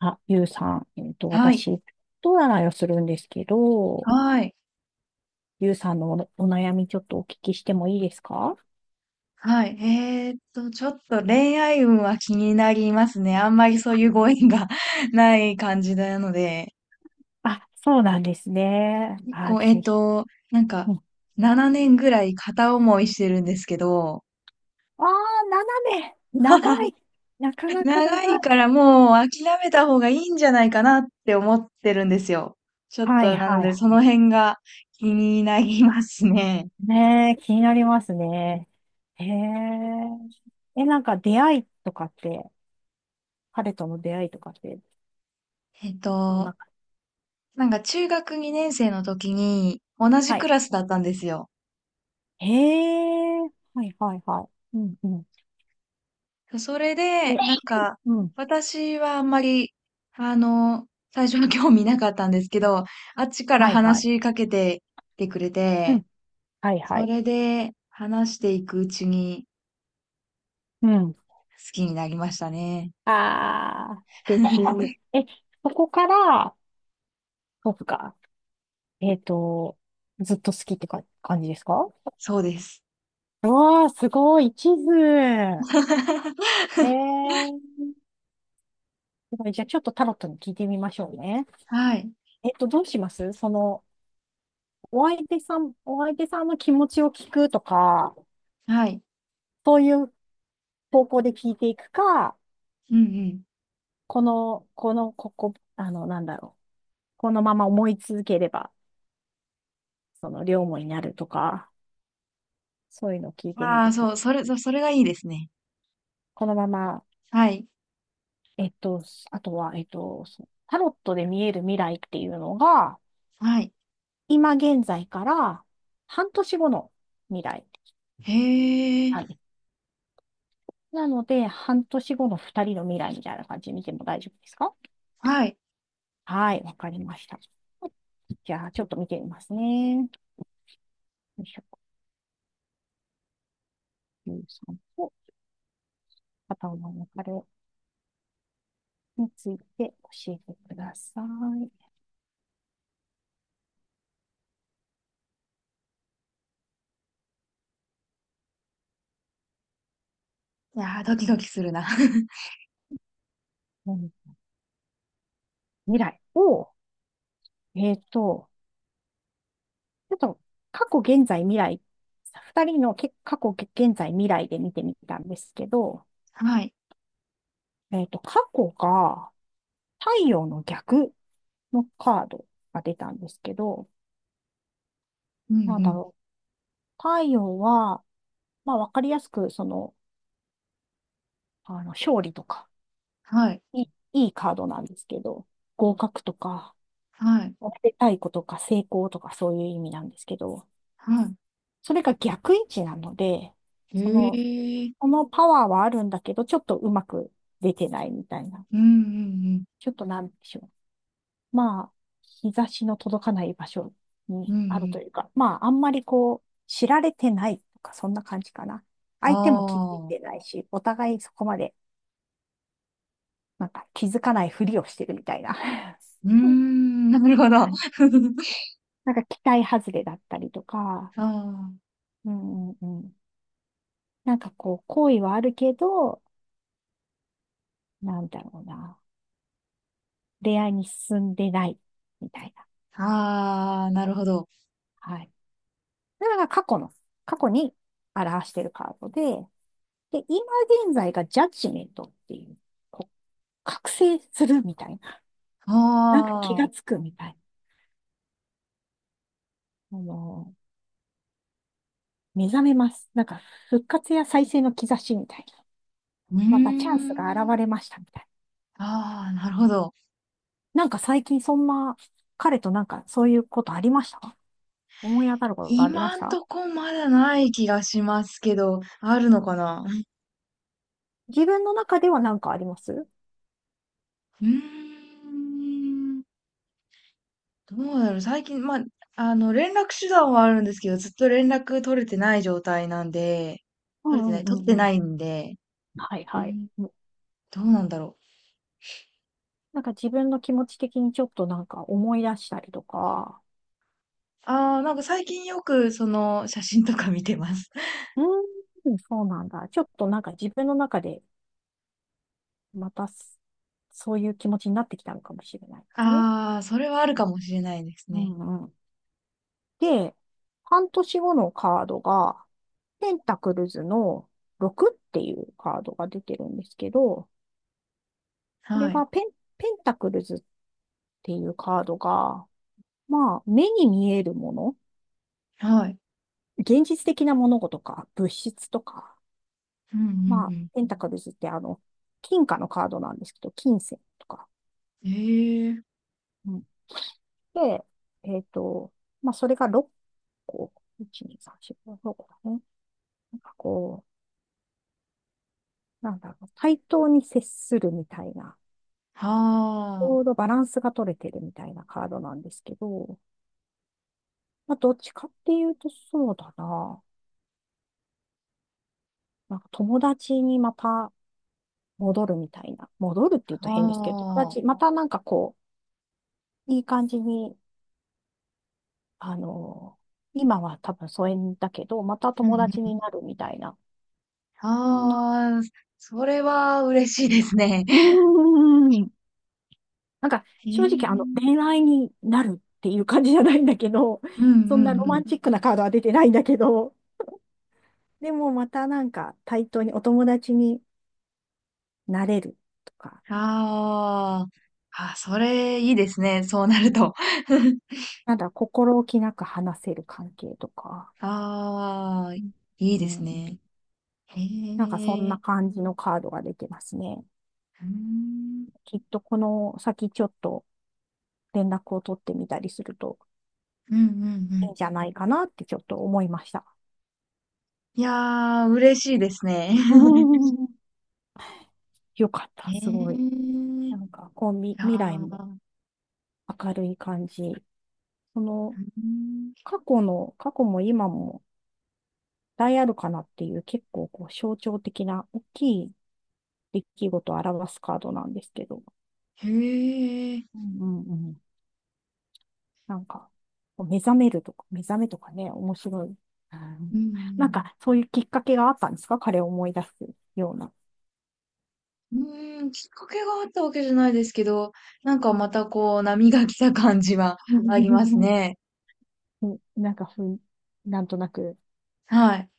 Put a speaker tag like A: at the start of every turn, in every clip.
A: あ、ゆうさん、
B: はい。
A: 私、人占いをするんですけど、
B: はい。
A: ゆうさんのお悩みちょっとお聞きしてもいいですか？
B: はい。ちょっと恋愛運は気になりますね。あんまりそういうご縁が ない感じなので。
A: あ、そうなんですね。
B: 結
A: あ、
B: 構、
A: ぜひ。
B: なんか、
A: うん、あ
B: 7年ぐらい片思いしてるんですけど、
A: あ、斜め。長 い。なかなか
B: 長
A: 長い。
B: いからもう諦めた方がいいんじゃないかなって思ってるんですよ。ちょっ
A: はい
B: となの
A: はい
B: でそ
A: は
B: の辺が気になりますね。
A: い。ねえ、気になりますね。へえ。え、なんか出会いとかって、彼との出会いとかって、
B: えっ
A: どん
B: と、
A: な、
B: なんか中学2年生の時に同じ
A: は
B: ク
A: い。
B: ラスだったんですよ。
A: へえ。はいはいはい。うんうん。
B: それで、
A: え、
B: なんか、
A: うん。
B: 私はあんまり、あの、最初は興味なかったんですけど、あっちから
A: はいは
B: 話
A: い。
B: しかけてきてくれて、
A: はいは
B: そ
A: い。
B: れで話していくうちに
A: うん。
B: 好きになりましたね。
A: ああ、素敵。え、そこから、そうか。えっと、ずっと好きってか感じですか？
B: そうです。
A: うわあ、すごい、地図。ええ ー、すごい。じゃあ、ちょっとタロットに聞いてみましょうね。
B: はい。
A: どうしますその、お相手さんの気持ちを聞くとか、
B: はい。
A: そういう方向で聞いていくか、
B: うんう
A: ここ、あの、なんだろう。このまま思い続ければ、その、両思いになるとか。そういうのを聞い
B: ん。
A: てみ
B: ああ、
A: ると。
B: そう、それがいいですね。
A: このまま、
B: はい。
A: えっと、あとは、そうタロットで見える未来っていうのが、
B: はい。
A: 今現在から半年後の未来
B: へえ。
A: なんです。なので、半年後の二人の未来みたいな感じで見ても大丈夫ですか？
B: はい。
A: はい、わかりました。じゃあ、ちょっと見てみますね。よいしょ、ゆうさんと片方の別れについて教えてください。
B: いやー、ドキドキするな。
A: うん、未来を、えっと、ちょっと過去、現在、未来、二人の過去、現在、未来で見てみたんですけど、
B: はい。
A: 過去が太陽の逆のカードが出たんですけど、
B: うんう
A: なんだ
B: ん。
A: ろう。太陽は、まあ、わかりやすく、その、あの、勝利とか、
B: はい。
A: いい、いいカードなんですけど、合格とか、
B: はい。
A: おめでたいことか、成功とか、そういう意味なんですけど、
B: はい。
A: それが逆位置なので、
B: へ
A: その、
B: え、
A: このパワーはあるんだけど、ちょっとうまく出てないみたいな。
B: うんうん
A: ちょっとなんでしょう。まあ、日差しの届かない場所
B: うん、
A: に
B: うんう
A: あると
B: ん。
A: いうか、まあ、あんまりこう、知られてないとか、そんな感じかな。相手も気づい
B: あ
A: て
B: あ、
A: ないし、お互いそこまで、なんか気づかないふりをしてるみたいな
B: うーん、なるほど。
A: 感じ。なんか期待外れだったりとか、
B: ああ、
A: うんうんうん。なんかこう、好意はあるけど、なんだろうな。恋愛に進んでない、みたいな。
B: ああ、なるほど。
A: はい。それが過去に表しているカードで、で、今現在がジャッジメントっていう、こう、覚醒するみたいな。
B: あ
A: なんか気
B: あ、
A: がつくみたいな。あの、目覚めます。なんか復活や再生の兆しみたいな。
B: うー
A: またチャンスが現
B: ん。
A: れましたみたい
B: ああ、なるほど。
A: な。なんか最近そんな、彼となんかそういうことありました？思い当たることありま
B: 今
A: し
B: ん
A: た？
B: とこまだない気がしますけど、ある
A: う
B: のか
A: ん、
B: な？
A: 自分の中ではなんかあります？
B: うーん。どうだろう。最近、まあ、連絡手段はあるんですけど、ずっと連絡取れてない状態なんで、
A: う
B: 取れて
A: ん
B: な
A: うん
B: い、
A: う
B: 取って
A: んうん。
B: ないんで、
A: はい
B: う
A: はい。
B: ん、どうなんだろう。
A: なんか自分の気持ち的にちょっとなんか思い出したりとか、
B: ああ、なんか最近よくその写真とか見てます。
A: うーん、そうなんだ。ちょっとなんか自分の中でまたそういう気持ちになってきたのかもしれないですね。
B: ああ、それはあるかもしれないです
A: う
B: ね。
A: んうん。で、半年後のカードが、ペンタクルズの6っていうカードが出てるんですけど、これ
B: はい。
A: がペンタクルズっていうカードが、まあ、目に見えるもの、
B: はい。
A: 現実的な物事とか、物質とか、
B: うんう
A: まあ、
B: ん
A: ペンタクルズってあの、金貨のカードなんですけど、金銭とか。
B: うん。ええ。
A: うん。で、えっと、まあ、それが6個、1、2、3、4、5、6個だね。なんかこう、なんだろう、対等に接するみたいな、
B: は
A: ちょう
B: あ。
A: どバランスが取れてるみたいなカードなんですけど、まあ、どっちかっていうとそうだな。なんか友達にまた戻るみたいな。戻るって言うと変ですけど、友
B: は
A: 達、
B: あ。
A: またなんかこう、いい感じにあの、今は多分疎遠だけど、また
B: う
A: 友
B: ん
A: 達
B: うん。
A: になるみたいな、そんな
B: ああ、それは嬉しいですね。
A: うーん。なんか、
B: へ
A: 正直、あの、
B: え。
A: 恋愛になるっていう感じじゃないんだけど、
B: うん
A: そん
B: う
A: なロ
B: ん
A: マ
B: う
A: ンチックなカードは出てないんだけど、でもまたなんか対等にお友達になれるとか、
B: ん。ああ。あ、それいいですね。そうな
A: う
B: る
A: ん、
B: と。
A: なんだ、心置きなく話せる関係とか、
B: ああ、
A: う
B: いいです
A: んう
B: ね。
A: ん、
B: へ
A: なんかそんな
B: え。
A: 感じのカードが出てますね。
B: うーん。
A: きっとこの先ちょっと連絡を取ってみたりすると
B: うんうんう
A: いい
B: ん。
A: んじゃないかなってちょっと思いました。
B: いやー、嬉しいですね。
A: よかった、すごい。
B: ええ、
A: な
B: い
A: んか、こう、
B: や
A: 未来
B: ー、う
A: も
B: ー
A: 明るい感じ。その、
B: ん、
A: 過去も今もあるかなっていう、結構、こう、象徴的な大きい出来事を表すカードなんですけど、
B: へえ、
A: うんうんうん、なんか、こう目覚めるとか、目覚めとかね、面白い。うん、
B: う
A: なん
B: ん、
A: か、そういうきっかけがあったんですか？彼を思い出すような。
B: うん、うーん、きっかけがあったわけじゃないですけど、なんかまたこう、波が来た感じは ありますね。
A: なんかふん、なんとなく
B: はい。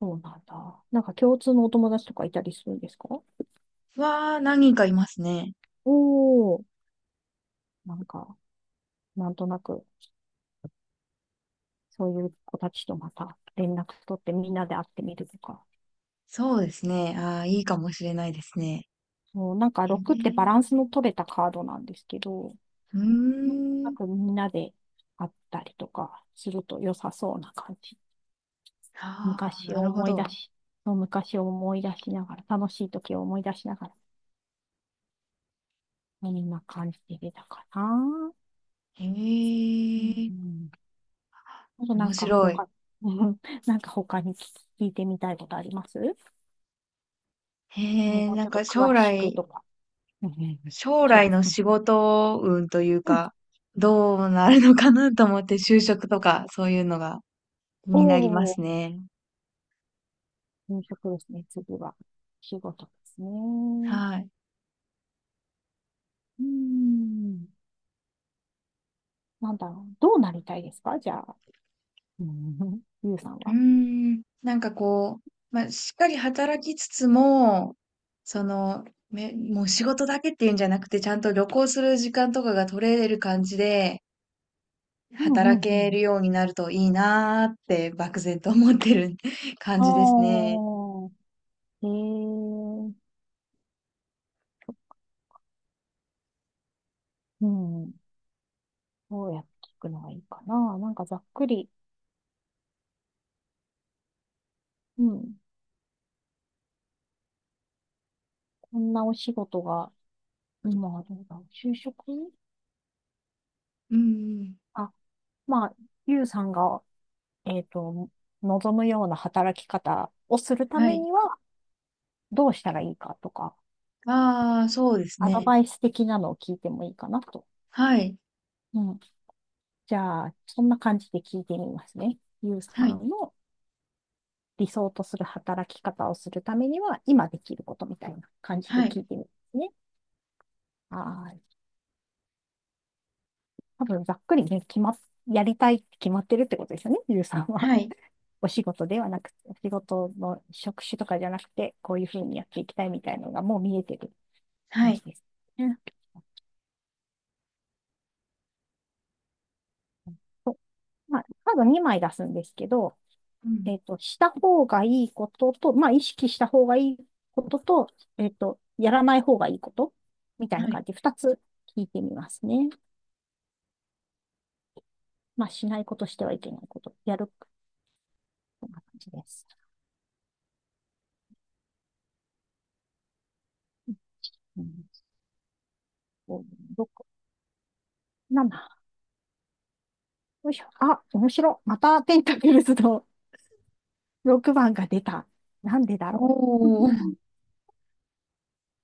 A: そうなんだ。なんか共通のお友達とかいたりするんですか？
B: 何人かいますね。
A: おー、なんか、なんとなく、そういう子たちとまた連絡取ってみんなで会ってみるとか。
B: そうですね。ああ、いいかもしれないですね。
A: そう、なんか
B: へえ、
A: 6ってバランスの取れたカードなんですけど、
B: うー
A: なんとな
B: ん、
A: くみんなで会ったりとかすると良さそうな感じ。
B: ああ、
A: 昔
B: な
A: を
B: るほ
A: 思い出
B: ど。
A: し、そう昔を思い出しながら、楽しい時を思い出しながら、そんな感じで出たかな。う
B: へ
A: ん
B: え、
A: うん、あとな
B: 面
A: んか
B: 白い。
A: 他、うん なんか他に聞いてみたいことあります？
B: へ
A: も
B: え、
A: う
B: な
A: ち
B: ん
A: ょっと
B: か将
A: 詳しく
B: 来、
A: とか。うんうんうん、
B: 将
A: 将
B: 来
A: 来。
B: の
A: うん
B: 仕事運という
A: うん、
B: か、どうなるのかなと思って就職とかそういうのが気になりま
A: お
B: す
A: ー、
B: ね。
A: 転職ですね。次は仕事ですね。
B: はい。
A: うん。なんだろう。どうなりたいですか？じゃあ、うんうんうんゆうさん
B: うー
A: は。
B: ん。なんかこう、まあ、しっかり働きつつも、その、もう仕事だけっていうんじゃなくて、ちゃんと旅行する時間とかが取れる感じで、
A: うんう
B: 働
A: んう
B: ける
A: ん。
B: ようになるといいなーって漠然と思ってる 感
A: あ
B: じですね。
A: あ、へえ、うん。どうやって聞くのがいいかな。なんかざっくり、うん。こんなお仕事が今はどうだろう。就職
B: うんうん。
A: あ、まあ、ゆうさんが、えっと、望むような働き方をするた
B: は
A: め
B: い。
A: には、どうしたらいいかとか、
B: ああ、そうです
A: アド
B: ね。
A: バイス的なのを聞いてもいいかなと。
B: はい。
A: うん。じゃあ、そんな感じで聞いてみますね。ゆうさ
B: はい。
A: んの理想とする働き方をするためには、今できることみたいな感じで
B: はい、
A: 聞いてみますね。はい。多分、ざっくりね、決まっ、やりたいって決まってるってことですよね、ゆうさんは。
B: はい、
A: お仕事ではなく、お仕事の職種とかじゃなくて、こういうふうにやっていきたいみたいなのがもう見えてる
B: は
A: 感じ
B: い。
A: です。うん、まあ、カード2枚出すんですけど、
B: うん。
A: した方がいいことと、まあ、意識した方がいいことと、やらない方がいいことみたいな
B: はい。
A: 感じで2つ聞いてみますね。まあ、しないことしてはいけないこと、やる、こんな感じです。うん、5、ろくな7。よいしょ。あ、面白。またペンタクルズの6番が出た。なんでだろ
B: おー
A: う。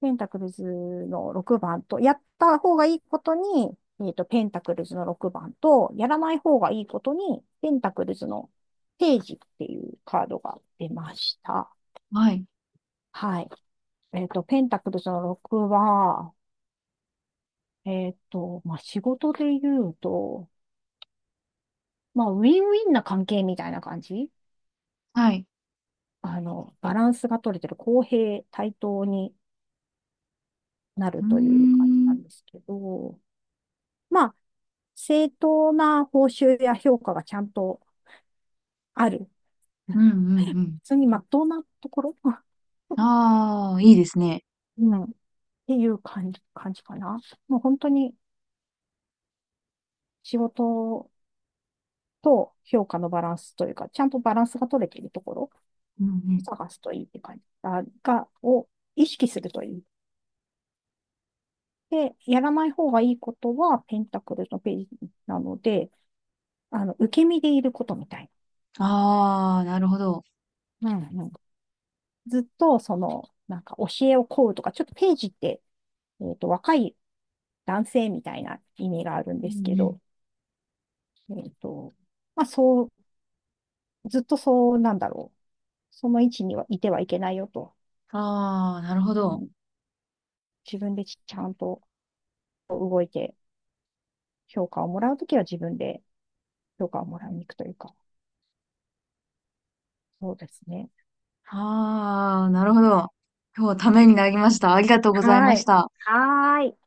A: ペンタクルズの6番と、やった方がいいことに、ペンタクルズの6番と、やらない方がいいことに、ペンタクルズのページっていうカードが出ました。
B: はい、
A: はい。ペンタクルズの6は、まあ、仕事で言うと、まあ、ウィンウィンな関係みたいな感じ、
B: はい。
A: あの、バランスが取れてる公平、対等になる
B: うー
A: という感じな
B: ん。
A: んですけど、まあ、正当な報酬や評価がちゃんとある。
B: うんうんう
A: 普
B: ん。
A: 通に真っ当なところ
B: ああ、いいですね。
A: うん。っていう感じかな。もう本当に仕事と評価のバランスというか、ちゃんとバランスが取れているところを
B: うんうん。
A: 探すといいって感じを意識するといい。で、やらない方がいいことは、ペンタクルのページなので、あの、受け身でいることみたい
B: ああ、なるほど。
A: な。うんうん、ずっと、その、なんか教えを請うとか、ちょっとページって、若い男性みたいな意味があるん
B: う
A: です
B: ん
A: け
B: うん。
A: ど、えっと、まあ、そう、ずっとそうなんだろう。その位置にはいてはいけないよと。
B: ああ、なるほ
A: う
B: ど。
A: ん、自分でちゃんと覚えて、評価をもらうときは自分で評価をもらいに行くというか、そうですね。
B: ああ、なるほ
A: う
B: ど。
A: ん、
B: 今日はためになりました。ありがとうござい
A: は
B: まし
A: い。
B: た。
A: はーい。